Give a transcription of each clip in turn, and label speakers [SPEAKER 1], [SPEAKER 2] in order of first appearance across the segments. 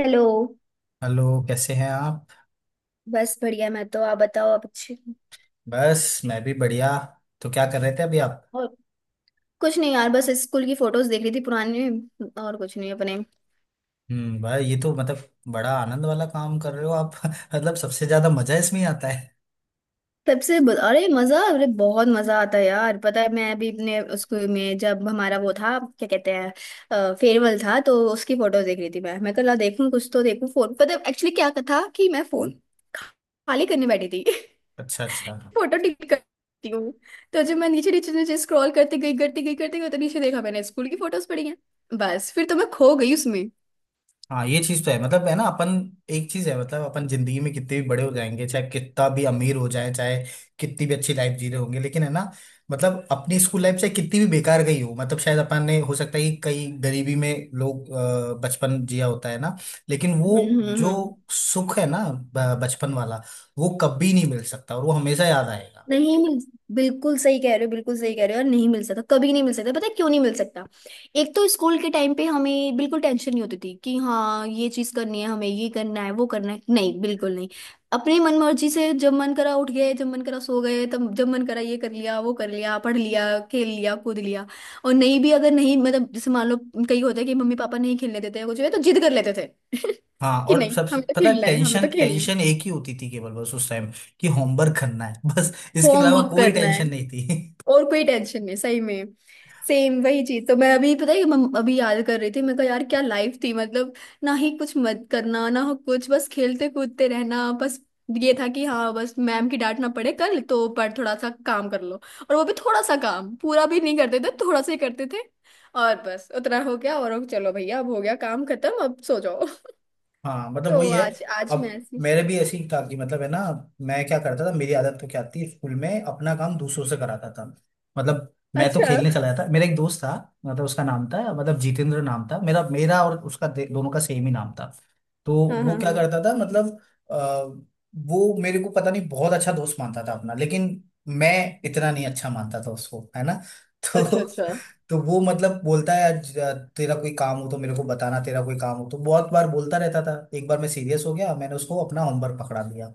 [SPEAKER 1] Hello.
[SPEAKER 2] Hello. कैसे हैं आप?
[SPEAKER 1] बस बढ़िया मैं तो, आप बताओ, आप अच्छे हो?
[SPEAKER 2] बस मैं भी बढ़िया। तो क्या कर रहे थे अभी आप?
[SPEAKER 1] और कुछ नहीं यार, बस स्कूल की फोटोज देख रही थी पुरानी, और कुछ नहीं अपने।
[SPEAKER 2] भाई ये तो मतलब बड़ा आनंद वाला काम कर रहे हो आप। मतलब सबसे ज्यादा मजा इसमें ही आता है।
[SPEAKER 1] तब से अरे मजा, अरे बहुत मजा आता है यार। पता है, मैं अभी अपने स्कूल में जब हमारा वो था, क्या कहते हैं, फेयरवेल था, तो उसकी फोटोज देख रही थी। मैं कल देखूं कुछ, तो देखूं फोन। पता है एक्चुअली क्या था कि मैं फोन खाली करने बैठी थी
[SPEAKER 2] अच्छा, अच्छा।
[SPEAKER 1] फोटो टिक करती हूँ। तो जब मैं नीचे नीचे नीचे स्क्रॉल करते गई करती गई करती गई, तो नीचे देखा मैंने, स्कूल की फोटोज पड़ी हैं। बस फिर तो मैं खो गई उसमें।
[SPEAKER 2] हाँ, ये चीज तो है, मतलब है ना अपन। एक चीज है, मतलब अपन जिंदगी में कितने भी बड़े हो जाएंगे, चाहे कितना भी अमीर हो जाए, चाहे कितनी भी अच्छी लाइफ जी रहे होंगे, लेकिन है ना, मतलब अपनी स्कूल लाइफ से कितनी भी बेकार गई हो, मतलब शायद अपन ने, हो सकता है कि कई गरीबी में लोग बचपन जिया, होता है ना, लेकिन
[SPEAKER 1] हम्म
[SPEAKER 2] वो
[SPEAKER 1] हम्म,
[SPEAKER 2] जो
[SPEAKER 1] हम्म।
[SPEAKER 2] सुख है ना, बचपन वाला, वो कभी नहीं मिल सकता और वो हमेशा याद आएगा।
[SPEAKER 1] नहीं मिल। बिल्कुल सही कह रहे हो, बिल्कुल सही कह रहे हो। और नहीं मिल सकता, कभी नहीं मिल सकता। पता है क्यों नहीं मिल सकता? एक तो स्कूल के टाइम पे हमें बिल्कुल टेंशन नहीं होती थी कि हाँ ये चीज करनी है, हमें ये करना है, वो करना है। नहीं, बिल्कुल नहीं। अपनी मन मर्जी से, जब मन करा उठ गए, जब मन करा सो गए, तब जब मन करा ये कर लिया, वो कर लिया, पढ़ लिया, खेल लिया, कूद लिया। और नहीं भी, अगर नहीं, मतलब जैसे मान लो, कई होता है कि मम्मी पापा नहीं खेलने देते हैं कुछ भी, तो जिद कर लेते थे
[SPEAKER 2] हाँ,
[SPEAKER 1] कि
[SPEAKER 2] और
[SPEAKER 1] नहीं,
[SPEAKER 2] सब
[SPEAKER 1] हमें तो
[SPEAKER 2] पता है,
[SPEAKER 1] खेलना है, हमें
[SPEAKER 2] टेंशन
[SPEAKER 1] तो खेलना
[SPEAKER 2] टेंशन
[SPEAKER 1] है।
[SPEAKER 2] एक ही होती थी, केवल बस उस टाइम, कि होमवर्क करना है। बस इसके अलावा
[SPEAKER 1] होमवर्क
[SPEAKER 2] कोई
[SPEAKER 1] करना है,
[SPEAKER 2] टेंशन नहीं थी।
[SPEAKER 1] और कोई टेंशन नहीं, सही में। सेम वही चीज तो मैं अभी, पता है कि मैं अभी याद कर रही थी, मैं कहा यार क्या लाइफ थी मतलब। ना ही कुछ मत करना, ना हो कुछ, बस खेलते कूदते रहना, बस ये था कि हाँ बस मैम की डांट ना पड़े कल, तो पर थोड़ा सा काम कर लो। और वो भी थोड़ा सा काम पूरा भी नहीं करते थे, थोड़ा सा ही करते थे। और बस उतना हो गया, और अब चलो भैया अब हो गया काम खत्म, अब सो जाओ
[SPEAKER 2] हाँ, मतलब
[SPEAKER 1] तो
[SPEAKER 2] वही है।
[SPEAKER 1] आज आज मैं
[SPEAKER 2] अब
[SPEAKER 1] ऐसी।
[SPEAKER 2] मेरे भी ऐसी था कि मतलब है ना, मैं क्या करता था, मेरी आदत तो क्या थी, स्कूल में अपना काम दूसरों से कराता था। मतलब मैं तो
[SPEAKER 1] अच्छा।
[SPEAKER 2] खेलने चला जाता। मेरा एक दोस्त था, मतलब उसका नाम था, मतलब जितेंद्र नाम था, मेरा मेरा और उसका दोनों का सेम ही नाम था। तो
[SPEAKER 1] हाँ
[SPEAKER 2] वो
[SPEAKER 1] हाँ
[SPEAKER 2] क्या
[SPEAKER 1] हाँ।
[SPEAKER 2] करता था, मतलब, आ, वो मेरे को पता नहीं बहुत अच्छा दोस्त मानता था अपना, लेकिन मैं इतना नहीं अच्छा मानता था उसको, है ना।
[SPEAKER 1] अच्छा
[SPEAKER 2] तो
[SPEAKER 1] अच्छा।
[SPEAKER 2] तो वो मतलब बोलता है, आज, तेरा कोई काम हो तो मेरे को बताना, तेरा कोई काम हो तो। बहुत बार बोलता रहता था। एक बार मैं सीरियस हो गया, मैंने उसको अपना होमवर्क पकड़ा दिया।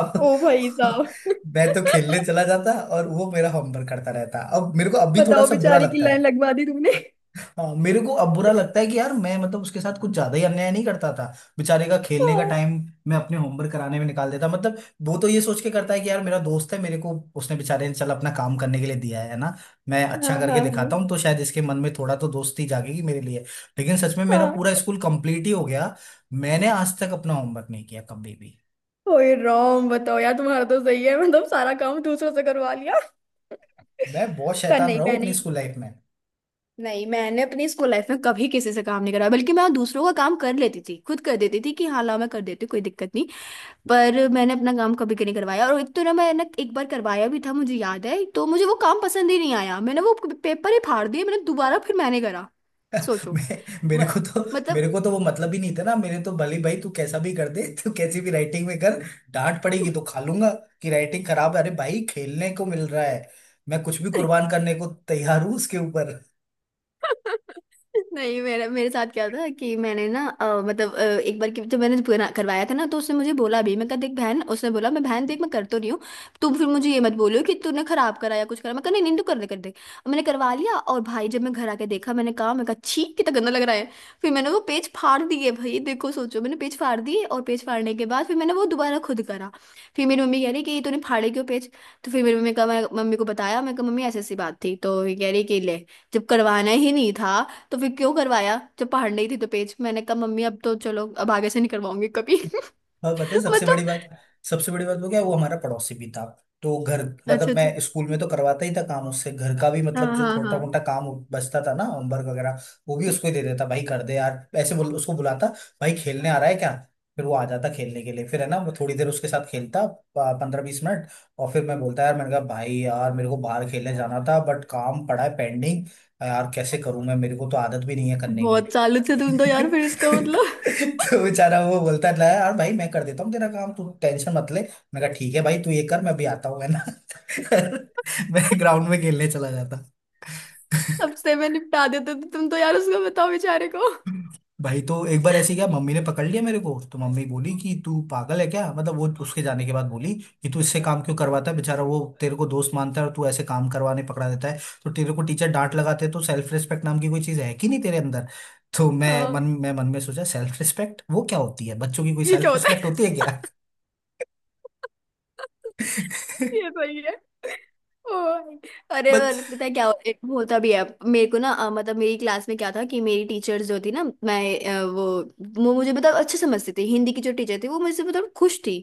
[SPEAKER 2] अब
[SPEAKER 1] ओ भाई साहब।
[SPEAKER 2] मैं तो खेलने चला जाता और वो मेरा होमवर्क करता रहता। अब मेरे को अब भी थोड़ा
[SPEAKER 1] बताओ
[SPEAKER 2] सा बुरा
[SPEAKER 1] बेचारे की
[SPEAKER 2] लगता
[SPEAKER 1] लाइन
[SPEAKER 2] है।
[SPEAKER 1] लगवा दी तुमने।
[SPEAKER 2] हाँ, मेरे को अब बुरा लगता है कि यार मैं, मतलब उसके साथ कुछ ज्यादा ही अन्याय नहीं करता था? बेचारे का खेलने का
[SPEAKER 1] हाँ।
[SPEAKER 2] टाइम मैं अपने होमवर्क कराने में निकाल देता, मतलब। वो तो ये सोच के करता है कि यार मेरा दोस्त है, मेरे को उसने बेचारे ने चल अपना काम करने के लिए दिया है ना, मैं
[SPEAKER 1] हाँ
[SPEAKER 2] अच्छा करके
[SPEAKER 1] हाँ
[SPEAKER 2] दिखाता हूँ तो शायद इसके मन में थोड़ा तो दोस्ती जागेगी मेरे लिए। लेकिन सच में मेरा
[SPEAKER 1] हाँ।
[SPEAKER 2] पूरा स्कूल कंप्लीट ही हो गया, मैंने आज तक अपना होमवर्क नहीं किया कभी भी।
[SPEAKER 1] ओए राम, बताओ यार, तुम्हारा तो सही है, मतलब सारा काम दूसरों से करवा लिया।
[SPEAKER 2] मैं बहुत
[SPEAKER 1] पर
[SPEAKER 2] शैतान
[SPEAKER 1] नहीं
[SPEAKER 2] रहा हूँ अपनी
[SPEAKER 1] मैंने।
[SPEAKER 2] स्कूल लाइफ में।
[SPEAKER 1] नहीं, मैंने अपनी स्कूल लाइफ में कभी किसी से काम नहीं कराया, बल्कि मैं दूसरों का काम कर लेती थी, खुद कर देती थी कि हाँ लाओ मैं कर देती हूँ, कोई दिक्कत नहीं। पर मैंने अपना काम कभी नहीं करवाया, और एक तो ना, मैं ना एक बार करवाया भी था, मुझे याद है, तो मुझे वो काम पसंद ही नहीं आया, मैंने वो पेपर ही फाड़ दिए, मैंने दोबारा फिर मैंने करा, सोचो। म-
[SPEAKER 2] मेरे को तो,
[SPEAKER 1] मतलब
[SPEAKER 2] मेरे को तो वो मतलब ही नहीं था ना। मेरे तो भले, भाई तू कैसा भी कर दे, तू कैसी भी राइटिंग में कर, डांट पड़ेगी तो खा लूंगा कि राइटिंग खराब है। अरे भाई, खेलने को मिल रहा है, मैं कुछ भी कुर्बान करने को तैयार हूँ उसके ऊपर।
[SPEAKER 1] नहीं मेरा, मेरे साथ क्या था कि मैंने ना मतलब एक बार की जब मैंने बना करवाया था ना, तो उसने मुझे बोला भी, मैं कहा देख बहन, उसने बोला मैं बहन देख, मैं कर तो रही हूँ, तुम फिर मुझे ये मत बोलियो कि तूने खराब करा या कुछ करा। मैं कहा नहीं नहीं, तू कर दे, कर दे। और मैंने करवा लिया, और भाई जब मैं घर आके देखा, मैंने कहा, मैं कहा छी, कितना गंदा लग रहा है। फिर मैंने वो पेज फाड़ दिए। भाई देखो सोचो, मैंने पेज फाड़ दिए, और पेज फाड़ने के बाद फिर मैंने वो दोबारा खुद करा। फिर मेरी मम्मी कह रही कि तूने फाड़े क्यों पेज। तो फिर मेरी मम्मी का, मैं मम्मी को बताया, मैं कहा मम्मी ऐसी ऐसी बात थी, तो ये कह रही कि ले, जब करवाना ही नहीं था तो फिर क्यों करवाया, जब पहाड़ नहीं थी तो पेज। मैंने कहा मम्मी अब तो चलो, अब आगे से नहीं करवाऊंगी कभी
[SPEAKER 2] और पता है सबसे बड़ी
[SPEAKER 1] मतलब।
[SPEAKER 2] बात, सबसे बड़ी बात वो क्या है, वो हमारा पड़ोसी भी था। तो घर,
[SPEAKER 1] अच्छा
[SPEAKER 2] मतलब
[SPEAKER 1] अच्छा।
[SPEAKER 2] मैं स्कूल में तो करवाता ही था काम उससे, घर का भी, मतलब
[SPEAKER 1] हाँ
[SPEAKER 2] जो
[SPEAKER 1] हाँ
[SPEAKER 2] छोटा
[SPEAKER 1] हाँ।
[SPEAKER 2] मोटा काम बचता था ना, होमवर्क वगैरह, वो भी उसको ही दे देता। भाई कर दे यार, ऐसे बोल, उसको बुलाता, भाई खेलने आ रहा है क्या? फिर वो आ जाता खेलने के लिए, फिर है ना वो थोड़ी देर उसके साथ खेलता, 15-20 मिनट। और फिर मैं बोलता, यार, मैंने कहा, भाई यार मेरे को बाहर खेलने जाना था बट काम पड़ा है पेंडिंग, यार कैसे करूं मैं, मेरे को तो आदत भी नहीं है करने की।
[SPEAKER 1] बहुत सालों से तुम तो यार, फिर इसका मतलब
[SPEAKER 2] तो बेचारा वो बोलता है, यार भाई मैं कर देता हूँ तेरा काम, तू टेंशन मत ले। मैं कहा ठीक है भाई, तू ये कर, मैं अभी आता हूँ, है ना। मैं ग्राउंड में खेलने चला जाता।
[SPEAKER 1] अब से मैं निपटा देते, तो तुम तो यार, उसको बताओ बेचारे को।
[SPEAKER 2] भाई, तो एक बार ऐसे क्या मम्मी ने पकड़ लिया मेरे को, तो मम्मी बोली कि तू पागल है क्या, मतलब वो उसके जाने के बाद बोली कि तू इससे काम क्यों करवाता है? बेचारा वो तेरे को दोस्त मानता है और तू ऐसे काम करवाने पकड़ा देता है, तो तेरे को टीचर डांट लगाते हैं, तो सेल्फ रिस्पेक्ट नाम की कोई चीज है कि नहीं तेरे अंदर? तो मैं मन
[SPEAKER 1] हाँ।
[SPEAKER 2] मैं मन में सोचा, सेल्फ रिस्पेक्ट वो क्या होती है, बच्चों की कोई
[SPEAKER 1] ये क्या
[SPEAKER 2] सेल्फ
[SPEAKER 1] होता
[SPEAKER 2] रिस्पेक्ट
[SPEAKER 1] है।
[SPEAKER 2] होती है क्या?
[SPEAKER 1] ये सही है। ओ भाई। अरे और पता है क्या, एक होता भी है मेरे को ना, मतलब मेरी क्लास में क्या था कि मेरी टीचर्स जो थी ना मैं, अ, वो वो मुझे मतलब अच्छे समझती थी। हिंदी की जो टीचर थी वो मुझसे मतलब खुश थी।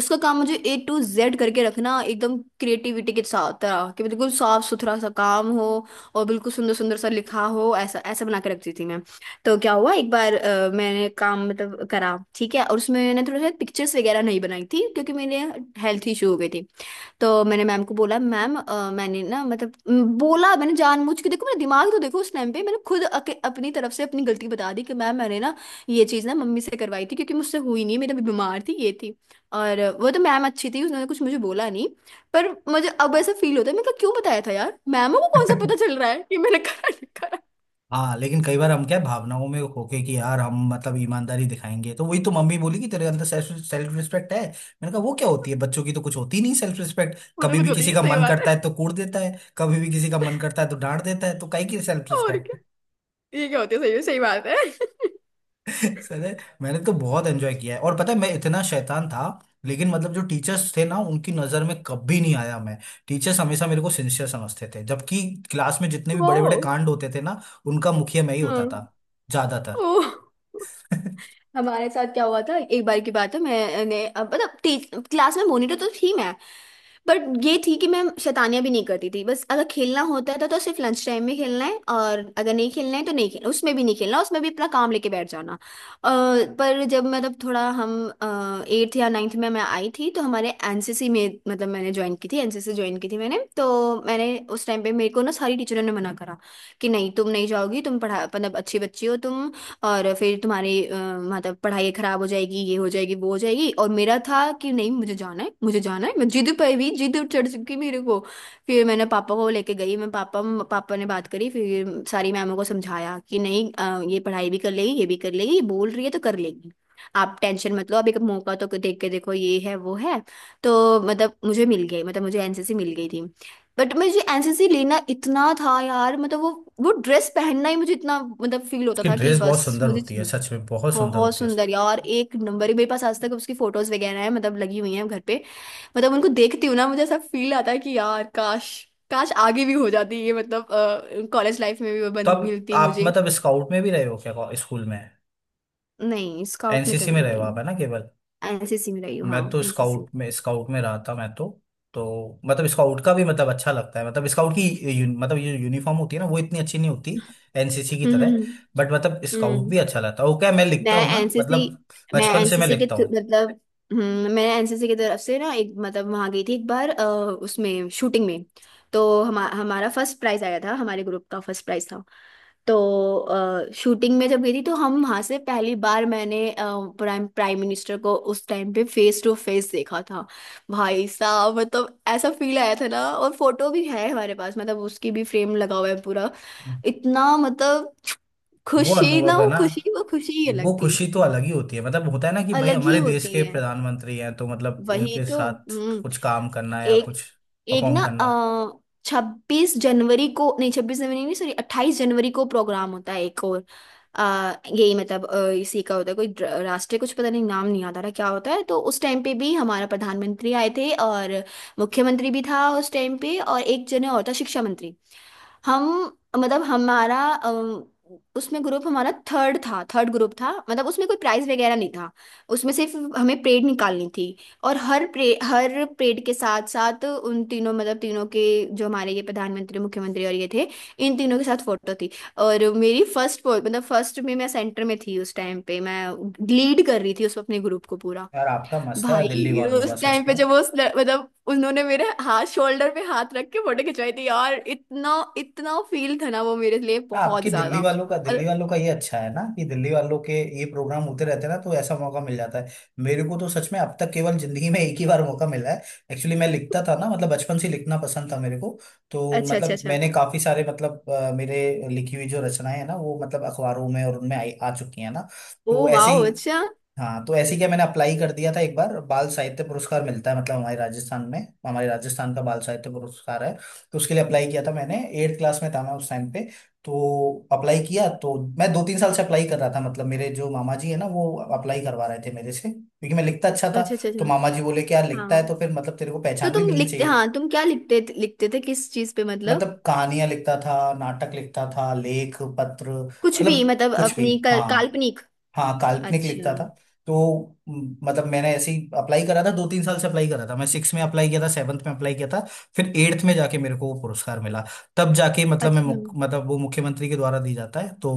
[SPEAKER 1] उसका काम मुझे A to Z करके रखना, एकदम क्रिएटिविटी के साथ तरह कि बिल्कुल साफ सुथरा सा काम हो, और बिल्कुल सुंदर सुंदर सा लिखा हो। ऐसा ऐसा बना के रखती थी मैं। तो क्या हुआ एक बार मैंने काम, मतलब करा ठीक है, और उसमें मैंने थोड़ा सा पिक्चर्स वगैरह नहीं बनाई थी क्योंकि मेरे हेल्थ इशू हो गए थे। तो मैंने मैम को बोला, मैम मैंने ना, मतलब बोला मैंने जानबूझ के, देखो मेरा दिमाग तो देखो, उस टाइम पे मैंने खुद अपनी तरफ से अपनी गलती बता दी कि मैम मैंने ना ये चीज़ ना मम्मी से करवाई थी, क्योंकि मुझसे हुई नहीं, मेरी बीमार थी ये थी। और वो तो मैम अच्छी थी, उसने कुछ मुझे बोला नहीं। पर मुझे अब ऐसा फील होता है, मैं क्यों बताया था यार, मैमों को कौन सा
[SPEAKER 2] बच,
[SPEAKER 1] पता चल रहा है कि मैंने करा नहीं करा।
[SPEAKER 2] हाँ लेकिन कई बार हम क्या है, भावनाओं में होके कि यार हम मतलब ईमानदारी दिखाएंगे। तो वही तो मम्मी बोली कि तेरे अंदर सेल्फ सेल्फ रिस्पेक्ट है। मैंने कहा वो क्या होती है, बच्चों की तो कुछ होती नहीं सेल्फ रिस्पेक्ट।
[SPEAKER 1] वो तो
[SPEAKER 2] कभी
[SPEAKER 1] कुछ
[SPEAKER 2] भी
[SPEAKER 1] होती
[SPEAKER 2] किसी
[SPEAKER 1] है,
[SPEAKER 2] का
[SPEAKER 1] सही
[SPEAKER 2] मन
[SPEAKER 1] बात है।
[SPEAKER 2] करता है तो कूट देता है, कभी भी किसी का मन करता है तो डांट देता है, तो काहे की सेल्फ
[SPEAKER 1] और
[SPEAKER 2] रिस्पेक्ट।
[SPEAKER 1] क्या। ये क्या होती है, सही सही बात है।
[SPEAKER 2] सर है, मैंने तो बहुत एंजॉय किया है। और पता है मैं इतना शैतान था, लेकिन मतलब जो टीचर्स थे ना उनकी नजर में कभी नहीं आया मैं। टीचर्स हमेशा मेरे को सिंसियर समझते थे, जबकि क्लास में जितने भी
[SPEAKER 1] वो।
[SPEAKER 2] बड़े बड़े कांड होते थे ना, उनका मुखिया मैं ही होता
[SPEAKER 1] हाँ।
[SPEAKER 2] था, ज्यादातर।
[SPEAKER 1] ओ। हमारे साथ क्या हुआ था, एक बार की बात है, मैंने अब मतलब, टीच क्लास में मॉनिटर तो थी मैं, बट ये थी कि मैं शैतानियां भी नहीं करती थी, बस अगर खेलना होता था तो सिर्फ लंच टाइम में खेलना है, और अगर नहीं खेलना है तो नहीं खेलना, उसमें भी नहीं खेलना, उसमें भी अपना काम लेके बैठ जाना। अ, पर जब मतलब थोड़ा हम एट्थ या नाइन्थ में मैं आई थी, तो हमारे एनसीसी में, मतलब मैंने ज्वाइन की थी, एनसीसी ज्वाइन की थी मैंने। तो मैंने उस टाइम पे, मेरे को ना सारी टीचरों ने मना करा कि नहीं तुम नहीं जाओगी, तुम पढ़ा, मतलब अच्छी बच्ची हो तुम, और फिर तुम्हारी मतलब पढ़ाई खराब हो जाएगी, ये हो जाएगी, वो हो जाएगी। और मेरा था कि नहीं मुझे जाना है, मुझे जाना है, मैं जिद पर भी जिद चढ़ चुकी मेरे को। फिर मैंने पापा को लेके गई मैं। पापा, पापा ने बात करी, फिर सारी मैमों को समझाया कि नहीं ये पढ़ाई भी कर लेगी, ये भी कर लेगी, बोल रही है तो कर लेगी, आप टेंशन मत लो, अब एक मौका तो देख के देखो, ये है वो है। तो मतलब मुझे मिल गई, मतलब मुझे एनसीसी मिल गई थी। बट मुझे एनसीसी लेना इतना था यार, मतलब वो ड्रेस पहनना ही मुझे इतना मतलब फील होता
[SPEAKER 2] उसकी
[SPEAKER 1] था कि
[SPEAKER 2] ड्रेस बहुत
[SPEAKER 1] बस
[SPEAKER 2] सुंदर
[SPEAKER 1] मुझे
[SPEAKER 2] होती है,
[SPEAKER 1] चाहिए।
[SPEAKER 2] सच में बहुत सुंदर
[SPEAKER 1] बहुत
[SPEAKER 2] होती है उसकी।
[SPEAKER 1] सुंदर यार, एक नंबर। ही मेरे पास आज तक उसकी फोटोज वगैरह है, मतलब लगी हुई हैं घर पे। मतलब उनको देखती हूँ ना, मुझे ऐसा फील आता है कि यार काश, काश आगे भी हो जाती ये, मतलब कॉलेज लाइफ में भी वो बन
[SPEAKER 2] तो आप
[SPEAKER 1] मिलती
[SPEAKER 2] आप
[SPEAKER 1] मुझे।
[SPEAKER 2] मतलब स्काउट में भी रहे हो क्या, स्कूल में,
[SPEAKER 1] नहीं, स्काउट में तो
[SPEAKER 2] एनसीसी में
[SPEAKER 1] नहीं
[SPEAKER 2] रहे हो आप
[SPEAKER 1] गई।
[SPEAKER 2] है ना, केवल?
[SPEAKER 1] एनसीसी में रही हूँ,
[SPEAKER 2] मैं
[SPEAKER 1] हाँ
[SPEAKER 2] तो
[SPEAKER 1] एनसीसी।
[SPEAKER 2] स्काउट में रहा था मैं तो। तो मतलब स्काउट का भी मतलब अच्छा लगता है, मतलब स्काउट की मतलब ये यूनिफॉर्म होती है ना, वो इतनी अच्छी नहीं होती एनसीसी की
[SPEAKER 1] हम्म
[SPEAKER 2] तरह।
[SPEAKER 1] हम्म
[SPEAKER 2] बट मतलब स्काउट
[SPEAKER 1] हम्म।
[SPEAKER 2] भी अच्छा लगता है। वो क्या, मैं लिखता
[SPEAKER 1] मैं
[SPEAKER 2] हूँ ना मतलब,
[SPEAKER 1] एनसीसी,
[SPEAKER 2] बचपन से मैं लिखता हूँ।
[SPEAKER 1] मतलब, मैं एनसीसी की तरफ से ना, एक मतलब वहां गई थी एक बार, उसमें शूटिंग में। तो हमारा फर्स्ट प्राइज आया था, हमारे ग्रुप का फर्स्ट प्राइज था। तो शूटिंग में जब गई थी, तो हम वहां से पहली बार मैंने प्राइम प्राइम मिनिस्टर को उस टाइम पे फेस टू फेस देखा था। भाई साहब, मतलब ऐसा फील आया था ना, और फोटो भी है हमारे पास, मतलब उसकी भी फ्रेम लगा हुआ है पूरा। इतना मतलब
[SPEAKER 2] वो
[SPEAKER 1] खुशी ना,
[SPEAKER 2] अनुभव है
[SPEAKER 1] वो
[SPEAKER 2] ना,
[SPEAKER 1] खुशी, वो खुशी ही अलग
[SPEAKER 2] वो
[SPEAKER 1] थी।
[SPEAKER 2] खुशी तो अलग ही होती है, मतलब होता है ना कि भाई
[SPEAKER 1] अलग ही
[SPEAKER 2] हमारे देश
[SPEAKER 1] होती
[SPEAKER 2] के
[SPEAKER 1] है।
[SPEAKER 2] प्रधानमंत्री हैं तो मतलब
[SPEAKER 1] वही
[SPEAKER 2] उनके
[SPEAKER 1] तो।
[SPEAKER 2] साथ
[SPEAKER 1] हम्म।
[SPEAKER 2] कुछ काम करना या कुछ
[SPEAKER 1] एक। एक
[SPEAKER 2] परफॉर्म
[SPEAKER 1] ना
[SPEAKER 2] करना।
[SPEAKER 1] 26 जनवरी को, नहीं 26 जनवरी नहीं, सॉरी 28 जनवरी को प्रोग्राम होता है एक और, यही, मतलब इसी का होता है कोई राष्ट्रीय कुछ, पता नहीं नाम नहीं याद आ रहा क्या होता है। तो उस टाइम पे भी हमारा प्रधानमंत्री आए थे, और मुख्यमंत्री भी था उस टाइम पे, और एक जने और था शिक्षा मंत्री। हम, मतलब हमारा उसमें ग्रुप हमारा थर्ड था, थर्ड ग्रुप था, मतलब उसमें कोई प्राइज वगैरह नहीं था। उसमें सिर्फ हमें परेड निकालनी थी, और हर प्रे हर परेड के साथ साथ उन तीनों, मतलब तीनों के, जो हमारे ये प्रधानमंत्री मुख्यमंत्री और ये थे, इन तीनों के साथ फोटो थी। और मेरी फर्स्ट, मतलब फर्स्ट में मैं सेंटर में थी उस टाइम पे, मैं लीड कर रही थी उस, अपने ग्रुप को पूरा।
[SPEAKER 2] यार आपका मस्त है दिल्ली
[SPEAKER 1] भाई
[SPEAKER 2] वालों
[SPEAKER 1] उस
[SPEAKER 2] का, सच
[SPEAKER 1] टाइम पे
[SPEAKER 2] में।
[SPEAKER 1] जब वो उस मतलब उन्होंने मेरे हाथ शोल्डर पे हाथ रख के फोटो खिंचवाई थी यार, इतना इतना फील था ना वो मेरे लिए,
[SPEAKER 2] आपके
[SPEAKER 1] बहुत
[SPEAKER 2] दिल्ली
[SPEAKER 1] ज्यादा।
[SPEAKER 2] वालों का,
[SPEAKER 1] और
[SPEAKER 2] दिल्ली वालों का ये अच्छा है ना कि दिल्ली वालों के ये प्रोग्राम होते रहते हैं ना, तो ऐसा मौका मिल जाता है। मेरे को तो सच में अब तक केवल जिंदगी में एक ही बार मौका मिला है। एक्चुअली मैं लिखता था ना, मतलब बचपन से लिखना पसंद था मेरे को। तो
[SPEAKER 1] अच्छा अच्छा
[SPEAKER 2] मतलब
[SPEAKER 1] अच्छा।
[SPEAKER 2] मैंने काफी सारे मतलब मेरे लिखी हुई जो रचनाएं हैं ना वो मतलब अखबारों में और उनमें आई आ चुकी हैं ना। तो
[SPEAKER 1] ओ
[SPEAKER 2] ऐसे
[SPEAKER 1] वाओ,
[SPEAKER 2] ही,
[SPEAKER 1] अच्छा।
[SPEAKER 2] हाँ तो ऐसे ही क्या मैंने अप्लाई कर दिया था। एक बार बाल साहित्य पुरस्कार मिलता है, मतलब हमारे राजस्थान में। हमारे राजस्थान का बाल साहित्य पुरस्कार है, तो उसके लिए अप्लाई किया था मैंने। एट क्लास में था मैं उस टाइम पे। तो अप्लाई किया, तो मैं 2-3 साल से अप्लाई कर रहा था, मतलब मेरे जो मामा जी है ना, वो अप्लाई करवा रहे थे मेरे से, क्योंकि मैं लिखता अच्छा था।
[SPEAKER 1] अच्छा अच्छा
[SPEAKER 2] तो मामा
[SPEAKER 1] अच्छा।
[SPEAKER 2] जी बोले कि यार लिखता है
[SPEAKER 1] हाँ,
[SPEAKER 2] तो फिर मतलब तेरे को
[SPEAKER 1] तो
[SPEAKER 2] पहचान भी
[SPEAKER 1] तुम
[SPEAKER 2] मिलनी
[SPEAKER 1] लिखते,
[SPEAKER 2] चाहिए।
[SPEAKER 1] हाँ तुम क्या लिखते, लिखते थे किस चीज पे मतलब।
[SPEAKER 2] मतलब कहानियां लिखता था, नाटक लिखता था, लेख पत्र,
[SPEAKER 1] कुछ भी
[SPEAKER 2] मतलब
[SPEAKER 1] मतलब,
[SPEAKER 2] कुछ भी।
[SPEAKER 1] अपनी
[SPEAKER 2] हाँ,
[SPEAKER 1] काल्पनिक।
[SPEAKER 2] हाँ काल्पनिक लिखता
[SPEAKER 1] अच्छा।
[SPEAKER 2] था। तो मतलब मैंने ऐसे ही अप्लाई करा था, 2-3 साल से अप्लाई करा था। मैं सिक्स में अप्लाई किया था, सेवन्थ में अप्लाई किया था, फिर एट्थ में जाके मेरे को वो पुरस्कार मिला। तब जाके मतलब मैं
[SPEAKER 1] अच्छा।
[SPEAKER 2] मतलब वो मुख्यमंत्री के द्वारा दी जाता है, तो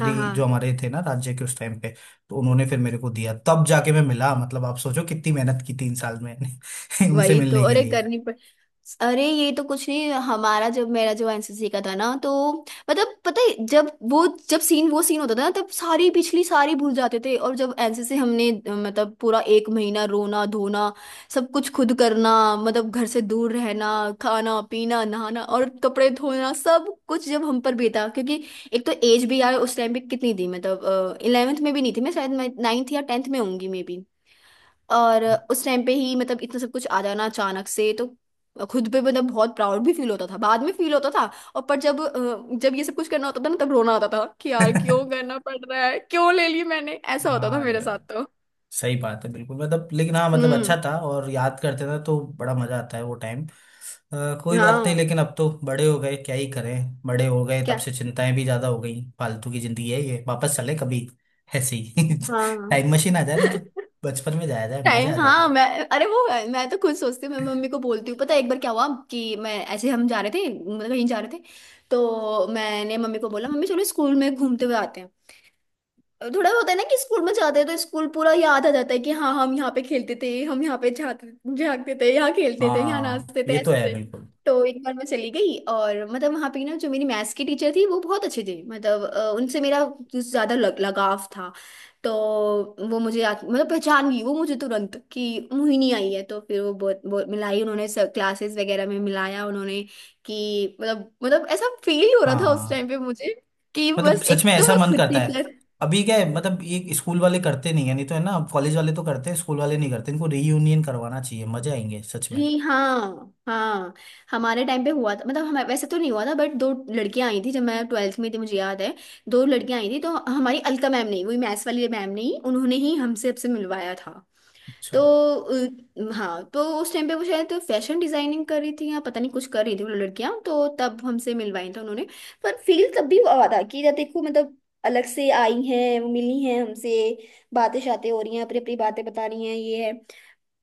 [SPEAKER 1] हाँ हाँ।
[SPEAKER 2] जो हमारे थे ना राज्य के उस टाइम पे, तो उन्होंने फिर मेरे को दिया। तब जाके मैं मिला, मतलब आप सोचो कितनी मेहनत की 3 साल में उनसे
[SPEAKER 1] वही तो।
[SPEAKER 2] मिलने के
[SPEAKER 1] अरे
[SPEAKER 2] लिए।
[SPEAKER 1] करनी पड़। अरे ये तो कुछ नहीं, हमारा जब, मेरा जो एनसीसी का था ना, तो मतलब पता है जब वो जब सीन वो सीन होता था ना, तब सारी पिछली सारी भूल जाते थे। और जब एनसीसी हमने मतलब पूरा एक महीना रोना धोना, सब कुछ खुद करना, मतलब घर से दूर रहना, खाना पीना नहाना और कपड़े धोना सब कुछ जब हम पर बीता। क्योंकि एक तो एज भी यार उस टाइम पे कितनी थी, मतलब इलेवेंथ में भी नहीं थी मैं, शायद मैं नाइन्थ या टेंथ में होंगी मे। और उस टाइम पे ही मतलब इतना सब कुछ आ जाना अचानक से, तो खुद पे मतलब बहुत प्राउड भी फील होता था, बाद में फील होता था। और पर जब जब ये सब कुछ करना होता था ना, तब रोना आता था कि यार क्यों करना पड़ रहा है, क्यों ले ली मैंने। ऐसा होता था
[SPEAKER 2] हाँ ये
[SPEAKER 1] मेरे साथ
[SPEAKER 2] बात,
[SPEAKER 1] तो।
[SPEAKER 2] सही बात है बिल्कुल, मतलब। लेकिन हाँ मतलब अच्छा
[SPEAKER 1] हम्म।
[SPEAKER 2] था, और याद करते थे तो बड़ा मजा आता है वो टाइम। कोई बात नहीं,
[SPEAKER 1] हाँ।
[SPEAKER 2] लेकिन अब तो बड़े हो गए, क्या ही करें। बड़े हो गए, तब
[SPEAKER 1] क्या।
[SPEAKER 2] से चिंताएं भी ज्यादा हो गई, फालतू की जिंदगी है ये, वापस चले कभी ऐसे ही।
[SPEAKER 1] हाँ।
[SPEAKER 2] टाइम मशीन आ जाए ना, तो बचपन में जाया जाए, मजे आ
[SPEAKER 1] टाइम, हाँ
[SPEAKER 2] जाएंगे।
[SPEAKER 1] मैं, अरे वो, मैं तो खुद सोचती हूँ। मैं मम्मी को बोलती हूँ, पता है एक बार क्या हुआ कि मैं ऐसे हम जा रहे थे, मतलब कहीं जा रहे थे। तो मैंने मम्मी को बोला, मम्मी चलो स्कूल में घूमते हुए आते हैं। थोड़ा होता है ना कि स्कूल में जाते हैं तो स्कूल पूरा याद आ जाता है कि हाँ हम यहाँ पे खेलते थे, हम यहाँ पे जाते जागते थे, यहाँ खेलते थे, यहाँ
[SPEAKER 2] हाँ
[SPEAKER 1] नाचते थे,
[SPEAKER 2] ये तो है
[SPEAKER 1] ऐसे थे।
[SPEAKER 2] बिल्कुल।
[SPEAKER 1] तो एक बार मैं चली गई, और मतलब वहाँ पे ना जो मेरी मैथ्स की टीचर थी वो बहुत अच्छी थी, मतलब उनसे मेरा कुछ ज्यादा लगाव था। तो वो मुझे मतलब पहचान गई वो मुझे तुरंत कि मोहिनी आई है। तो फिर वो बहुत बहुत मिलाई उन्होंने, क्लासेस वगैरह में मिलाया उन्होंने। कि मतलब ऐसा फील हो रहा था उस
[SPEAKER 2] हाँ
[SPEAKER 1] टाइम पे मुझे कि
[SPEAKER 2] मतलब
[SPEAKER 1] बस
[SPEAKER 2] सच में
[SPEAKER 1] एक तो
[SPEAKER 2] ऐसा
[SPEAKER 1] मैं
[SPEAKER 2] मन
[SPEAKER 1] खुद
[SPEAKER 2] करता है।
[SPEAKER 1] टीचर।
[SPEAKER 2] अभी क्या है, मतलब ये स्कूल वाले करते नहीं है, नहीं तो है ना कॉलेज वाले तो करते हैं, स्कूल वाले नहीं करते। इनको रीयूनियन करवाना चाहिए, मजे आएंगे सच में।
[SPEAKER 1] जी हाँ हाँ, हमारे टाइम पे हुआ था, मतलब हमें वैसे तो नहीं हुआ था, बट दो लड़कियां आई थी जब मैं ट्वेल्थ में थी, मुझे याद है। दो लड़कियां आई थी तो हमारी अलका मैम ने, वही मैथ्स वाली मैम ने ही, उन्होंने ही हमसे सबसे मिलवाया था। तो
[SPEAKER 2] अच्छा।
[SPEAKER 1] हाँ तो उस टाइम पे वो शायद फैशन डिजाइनिंग कर रही थी या पता नहीं कुछ कर रही थी वो लड़कियां, तो तब हमसे मिलवाई था उन्होंने। पर फील तब भी हुआ था कि जब देखो, मतलब अलग से आई हैं, वो मिली हैं हमसे, बातें शातें हो रही हैं, अपनी अपनी बातें बता रही हैं, ये है।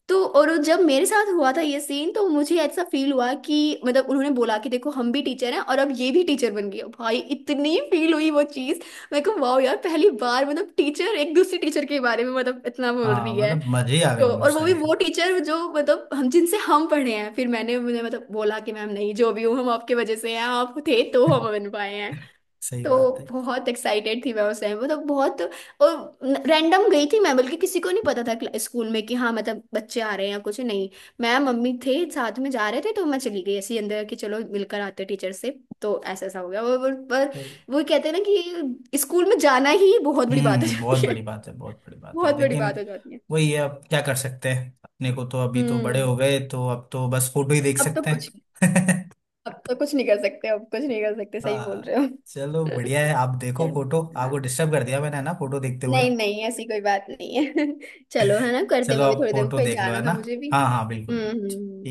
[SPEAKER 1] तो और वो जब मेरे साथ हुआ था ये सीन, तो मुझे ऐसा फील हुआ कि मतलब उन्होंने बोला कि देखो हम भी टीचर हैं और अब ये भी टीचर बन गई है। भाई इतनी फील हुई वो चीज, मैं को वाह यार, पहली बार मतलब टीचर एक दूसरे टीचर के बारे में मतलब इतना बोल
[SPEAKER 2] हाँ
[SPEAKER 1] रही है।
[SPEAKER 2] मतलब मजे ही आ गए
[SPEAKER 1] तो
[SPEAKER 2] होंगे
[SPEAKER 1] और
[SPEAKER 2] उस
[SPEAKER 1] वो भी
[SPEAKER 2] टाइम पे।
[SPEAKER 1] वो टीचर जो मतलब हम जिनसे हम पढ़े हैं। फिर मैंने मुझे मतलब बोला कि मैम नहीं, जो भी हूँ हम आपके वजह से हैं, आप थे तो हम बन पाए हैं।
[SPEAKER 2] सही
[SPEAKER 1] तो
[SPEAKER 2] बात है,
[SPEAKER 1] बहुत एक्साइटेड थी मैं उस टाइम, मतलब बहुत। और रैंडम गई थी मैं, बल्कि किसी को नहीं पता था स्कूल में कि हाँ मतलब बच्चे आ रहे हैं या कुछ नहीं। मैं मम्मी थे साथ में जा रहे थे, तो मैं चली गई ऐसे ही अंदर कि चलो मिलकर आते टीचर से। तो ऐसा ऐसा हो गया और पर
[SPEAKER 2] सही।
[SPEAKER 1] वो कहते हैं ना कि स्कूल में जाना ही बहुत बड़ी बात हो
[SPEAKER 2] हम्म, बहुत
[SPEAKER 1] जाती है।
[SPEAKER 2] बड़ी बात है, बहुत बड़ी बात है
[SPEAKER 1] बहुत बड़ी
[SPEAKER 2] लेकिन
[SPEAKER 1] बात हो जाती है।
[SPEAKER 2] वही है, अब क्या कर सकते हैं अपने को। तो अभी तो बड़े
[SPEAKER 1] हम्म।
[SPEAKER 2] हो गए, तो अब तो बस फोटो ही देख
[SPEAKER 1] अब तो
[SPEAKER 2] सकते
[SPEAKER 1] कुछ,
[SPEAKER 2] हैं।
[SPEAKER 1] अब तो कुछ नहीं कर सकते, अब कुछ नहीं कर सकते, सही बोल
[SPEAKER 2] हाँ,
[SPEAKER 1] रहे हो।
[SPEAKER 2] चलो बढ़िया है। आप देखो
[SPEAKER 1] चलो,
[SPEAKER 2] फोटो, आपको
[SPEAKER 1] हाँ।
[SPEAKER 2] डिस्टर्ब कर दिया मैंने है ना, फोटो देखते हुए।
[SPEAKER 1] नहीं नहीं, ऐसी कोई बात नहीं है। चलो है ना, करते हैं,
[SPEAKER 2] चलो
[SPEAKER 1] मैं भी
[SPEAKER 2] आप
[SPEAKER 1] थोड़ी देर में
[SPEAKER 2] फोटो
[SPEAKER 1] कहीं
[SPEAKER 2] देख लो है
[SPEAKER 1] जाना
[SPEAKER 2] ना।
[SPEAKER 1] था मुझे भी।
[SPEAKER 2] हाँ, हाँ, बिल्कुल
[SPEAKER 1] हम्म हम्म
[SPEAKER 2] बिल्कुल।
[SPEAKER 1] हम्म।